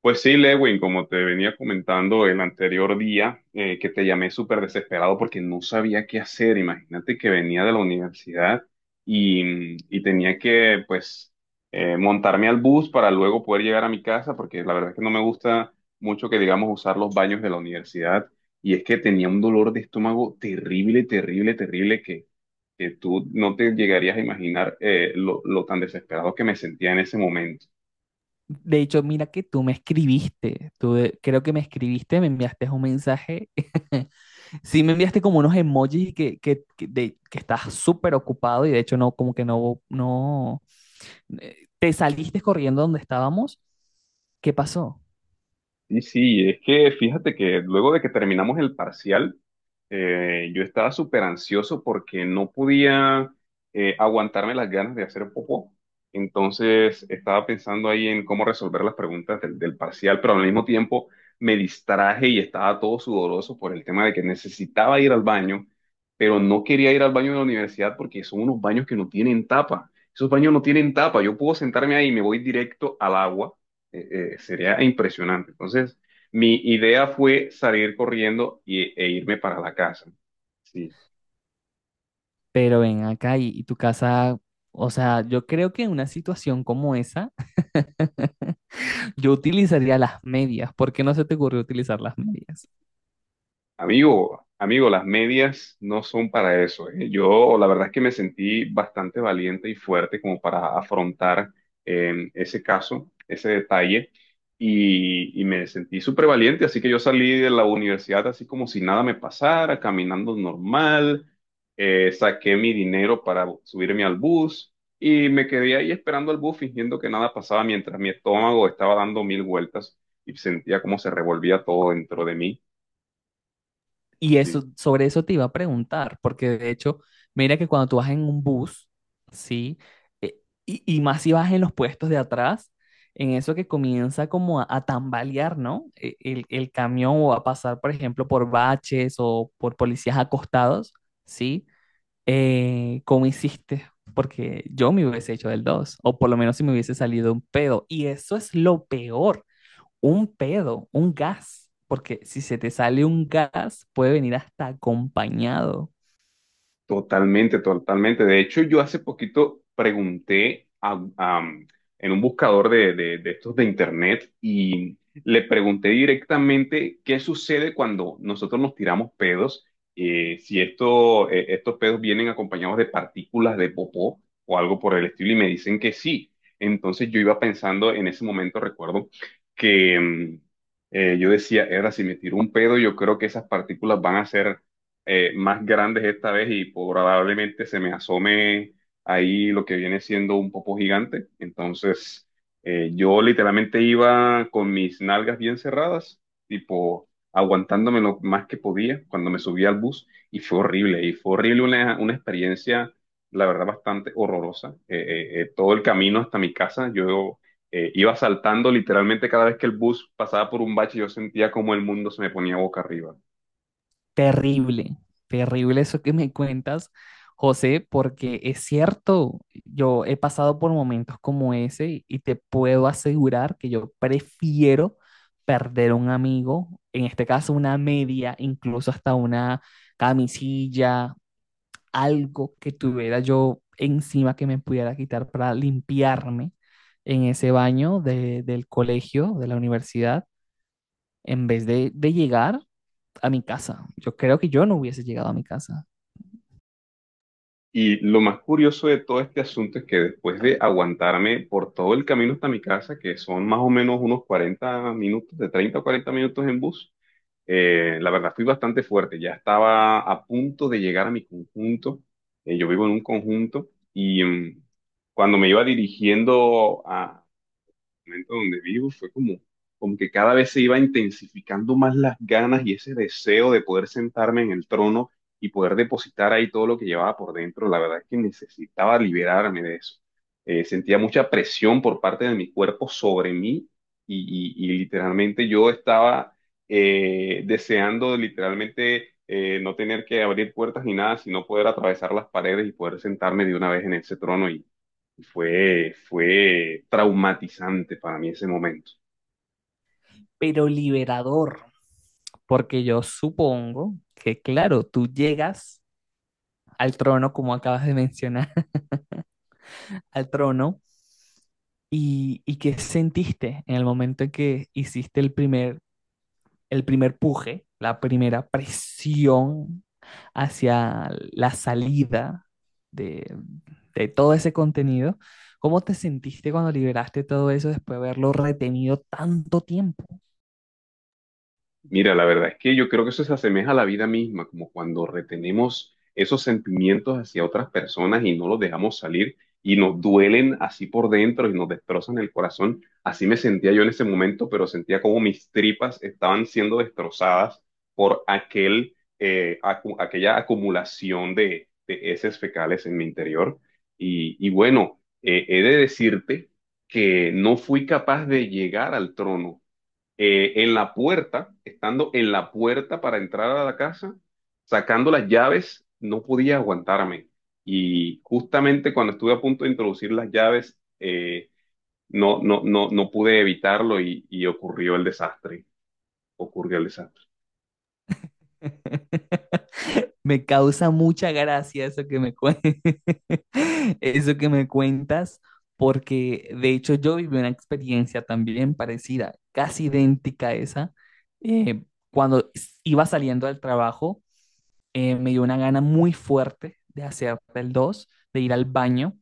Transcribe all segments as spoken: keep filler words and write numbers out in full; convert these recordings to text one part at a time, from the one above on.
Pues sí, Lewin, como te venía comentando el anterior día, eh, que te llamé súper desesperado porque no sabía qué hacer. Imagínate que venía de la universidad y, mm, y tenía que, pues, eh, montarme al bus para luego poder llegar a mi casa, porque la verdad es que no me gusta mucho que, digamos, usar los baños de la universidad. Y es que tenía un dolor de estómago terrible, terrible, terrible, que, que tú no te llegarías a imaginar eh, lo lo tan desesperado que me sentía en ese momento. De hecho, mira que tú me escribiste, tú de- creo que me escribiste, me enviaste un mensaje, sí me enviaste como unos emojis y que, que, que, de- que estás súper ocupado y de hecho no, como que no, no, eh, te saliste corriendo donde estábamos, ¿qué pasó? Y sí, es que fíjate que luego de que terminamos el parcial, eh, yo estaba súper ansioso porque no podía eh, aguantarme las ganas de hacer popó. Entonces estaba pensando ahí en cómo resolver las preguntas del, del parcial, pero al mismo tiempo me distraje y estaba todo sudoroso por el tema de que necesitaba ir al baño, pero no quería ir al baño de la universidad porque son unos baños que no tienen tapa. Esos baños no tienen tapa. Yo puedo sentarme ahí y me voy directo al agua, eh, eh, sería impresionante. Entonces, mi idea fue salir corriendo y, e irme para la casa. Sí. Pero ven acá y, y tu casa, o sea, yo creo que en una situación como esa, yo utilizaría las medias, ¿por qué no se te ocurrió utilizar las medias? Amigo, amigo, las medias no son para eso. ¿Eh? Yo la verdad es que me sentí bastante valiente y fuerte como para afrontar eh, ese caso, ese detalle, y, y me sentí súper valiente, así que yo salí de la universidad así como si nada me pasara, caminando normal. Eh, saqué mi dinero para subirme al bus y me quedé ahí esperando al bus fingiendo que nada pasaba mientras mi estómago estaba dando mil vueltas y sentía como se revolvía todo dentro de mí. Y Sí. eso, sobre eso te iba a preguntar, porque de hecho, mira que cuando tú vas en un bus, ¿sí? Eh, Y, y más si vas en los puestos de atrás, en eso que comienza como a, a tambalear, ¿no? E- El, el camión o a pasar, por ejemplo, por baches o por policías acostados, ¿sí? Eh, ¿cómo hiciste? Porque yo me hubiese hecho del dos o por lo menos si me hubiese salido un pedo. Y eso es lo peor, un pedo, un gas, porque si se te sale un gas, puede venir hasta acompañado. Totalmente, totalmente. De hecho, yo hace poquito pregunté a, a- um, en un buscador de, de- de estos de internet y le pregunté directamente qué sucede cuando nosotros nos tiramos pedos, eh, si esto, eh, estos pedos vienen acompañados de partículas de popó o algo por el estilo y me dicen que sí. Entonces yo iba pensando en ese momento, recuerdo que mm, eh, yo decía, era si me tiro un pedo, yo creo que esas partículas van a ser eh, más grandes esta vez y probablemente se me asome ahí lo que viene siendo un popo gigante. Entonces, eh, yo literalmente iba con mis nalgas bien cerradas, tipo aguantándome lo más que podía cuando me subía al bus y fue horrible, y fue horrible una, una experiencia, la verdad, bastante horrorosa. Eh, eh, eh, todo el camino hasta mi casa, yo... eh, iba saltando literalmente cada vez que el bus pasaba por un bache, yo sentía como el mundo se me ponía boca arriba. Terrible, terrible eso que me cuentas, José, porque es cierto, yo he pasado por momentos como ese y, y te puedo asegurar que yo prefiero perder un amigo, en este caso una media, incluso hasta una camisilla, algo que tuviera yo encima que me pudiera quitar para limpiarme en ese baño de- del colegio, de la universidad, en vez de, de llegar a mi casa. Yo creo que yo no hubiese llegado a mi casa, Y lo más curioso de todo este asunto es que después de aguantarme por todo el camino hasta mi casa, que son más o menos unos cuarenta minutos, de treinta a cuarenta minutos en bus, eh, la verdad fui bastante fuerte. Ya estaba a punto de llegar a mi conjunto. Eh, yo vivo en un conjunto y mm, cuando me iba dirigiendo a, momento donde vivo fue como, como que cada vez se iba intensificando más las ganas y ese deseo de poder sentarme en el trono y poder depositar ahí todo lo que llevaba por dentro. La verdad es que necesitaba liberarme de eso. Eh, sentía mucha presión por parte de mi cuerpo sobre mí y, y- y literalmente yo estaba eh, deseando literalmente eh, no tener que abrir puertas ni nada, sino poder atravesar las paredes y poder sentarme de una vez en ese trono y fue, fue traumatizante para mí ese momento. pero liberador, porque yo supongo que, claro, tú llegas al trono, como acabas de mencionar, al trono, y, y qué sentiste en el momento en que hiciste el primer el primer puje, la primera presión hacia la salida de, de todo ese contenido, ¿cómo te sentiste cuando liberaste todo eso después de haberlo retenido tanto tiempo? Mira, la verdad es que yo creo que eso se asemeja a la vida misma, como cuando retenemos esos sentimientos hacia otras personas y no los dejamos salir y nos duelen así por dentro y nos destrozan el corazón. Así me sentía yo en ese momento, pero sentía como mis tripas estaban siendo destrozadas por aquel, eh, acu- aquella acumulación de, de heces fecales en mi interior. Y, y bueno, eh, he de decirte que no fui capaz de llegar al trono, eh, en la puerta, estando en la puerta para entrar a la casa, sacando las llaves, no podía aguantarme. Y justamente cuando estuve a punto de introducir las llaves, eh, no, no, no, no pude evitarlo y, y ocurrió el desastre. Ocurrió el desastre. Me causa mucha gracia eso que me, cuen- eso que me cuentas, porque de hecho yo viví una experiencia también parecida, casi idéntica a esa, eh, cuando iba saliendo del trabajo eh, me dio una gana muy fuerte de hacer el dos de ir al baño.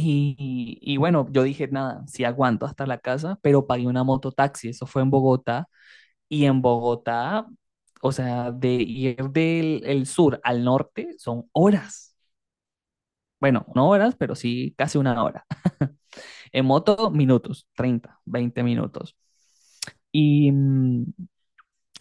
Y, y bueno, yo dije, nada, sí aguanto hasta la casa, pero pagué una mototaxi, eso fue en Bogotá. Y en Bogotá, o sea, de ir del el sur al norte son horas. Bueno, no horas, pero sí casi una hora. En moto, minutos, treinta veinte minutos. Y mmm,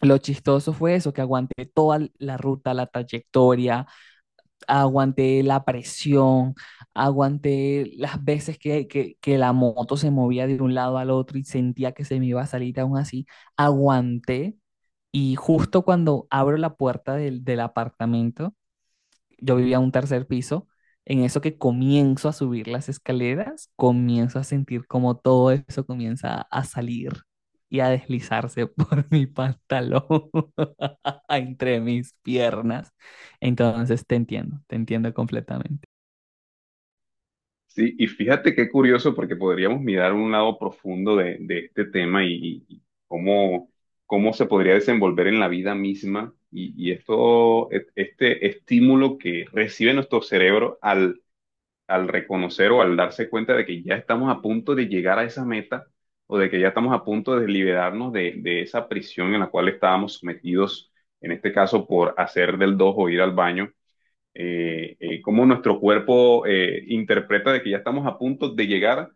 lo chistoso fue eso, que aguanté toda la ruta, la trayectoria, aguanté la presión, aguanté las veces que, que, que la moto se movía de un lado al otro y sentía que se me iba a salir aún así, aguanté y justo cuando abro la puerta del, del apartamento, yo vivía en un tercer piso. En eso que comienzo a subir las escaleras, comienzo a sentir como todo eso comienza a salir y a deslizarse por mi pantalón entre mis piernas. Entonces te entiendo, te entiendo completamente. Sí, y fíjate qué curioso, porque podríamos mirar un lado profundo de, de este tema y, y cómo, cómo se podría desenvolver en la vida misma y, y esto, e- este estímulo que recibe nuestro cerebro al, al reconocer o al darse cuenta de que ya estamos a punto de llegar a esa meta o de que ya estamos a punto de liberarnos de, de esa prisión en la cual estábamos sometidos, en este caso por hacer del dos o ir al baño. Eh, eh, cómo nuestro cuerpo eh, interpreta de que ya estamos a punto de llegar,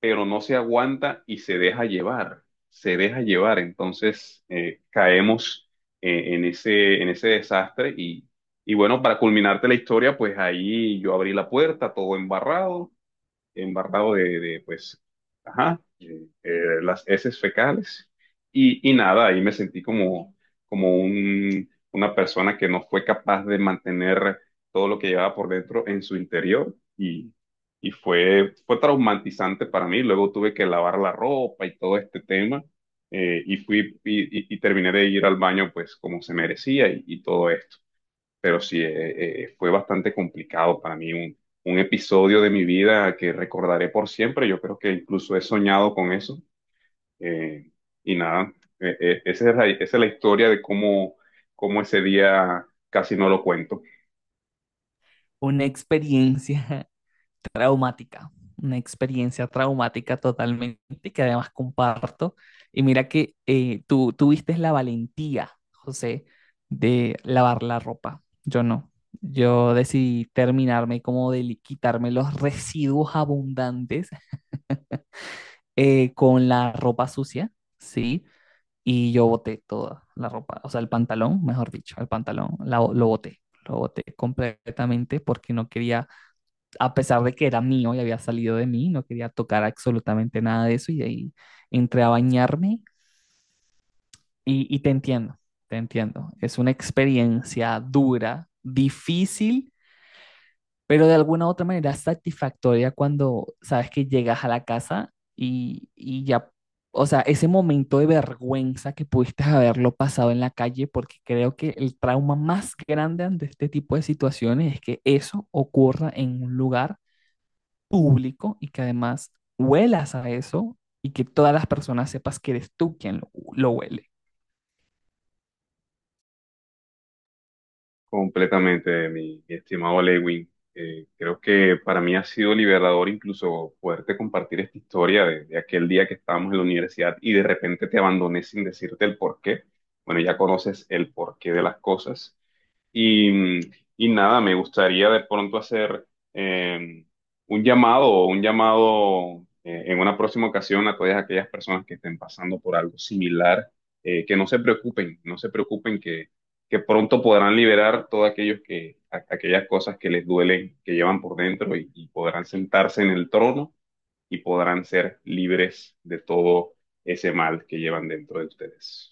pero no se aguanta y se deja llevar, se deja llevar. Entonces eh, caemos eh, en ese, en ese desastre y, y bueno, para culminarte la historia, pues ahí yo abrí la puerta, todo embarrado, embarrado de, de, pues, ajá, eh, eh, las heces fecales. Y, y nada, ahí me sentí como, como un, una persona que no fue capaz de mantener todo lo que llevaba por dentro en su interior. Y, y fue, fue traumatizante para mí. Luego tuve que lavar la ropa y todo este tema. Eh, y fui y, y- y terminé de ir al baño pues como se merecía y y todo esto, pero sí, eh, eh, fue bastante complicado para mí, un, un episodio de mi vida que recordaré por siempre, yo creo que incluso he soñado con eso, eh, y nada, eh, eh, esa es la, esa es la historia de cómo, cómo ese día casi no lo cuento Una experiencia traumática, una experiencia traumática totalmente que además comparto. Y mira que eh, tú tuviste la valentía, José, de lavar la ropa. Yo no. Yo decidí terminarme como de li- quitarme los residuos abundantes eh, con la ropa sucia, ¿sí? Y yo boté toda la ropa, o sea, el pantalón, mejor dicho, el pantalón, la- lo boté, lo boté completamente porque no quería, a pesar de que era mío y había salido de mí, no quería tocar absolutamente nada de eso y de ahí entré a bañarme y, y te entiendo, te entiendo. Es una experiencia dura, difícil, pero de alguna u otra manera satisfactoria cuando sabes que llegas a la casa y, y ya, o sea, ese momento de vergüenza que pudiste haberlo pasado en la calle, porque creo que el trauma más grande ante este tipo de situaciones es que eso ocurra en un lugar público y que además huelas a eso y que todas las personas sepas que eres tú quien lo, lo huele. completamente, mi, mi estimado Lewin. Eh, creo que para mí ha sido liberador incluso poderte compartir esta historia de, de aquel día que estábamos en la universidad y de repente te abandoné sin decirte el porqué. Bueno, ya conoces el porqué de las cosas. Y, y nada, me gustaría de pronto hacer eh, un llamado o un llamado eh, en una próxima ocasión a todas aquellas personas que estén pasando por algo similar, eh, que no se preocupen, no se preocupen que, que pronto podrán liberar todas aquellos que, a- aquellas cosas que les duelen, que llevan por dentro y, y podrán sentarse en el trono y podrán ser libres de todo ese mal que llevan dentro de ustedes.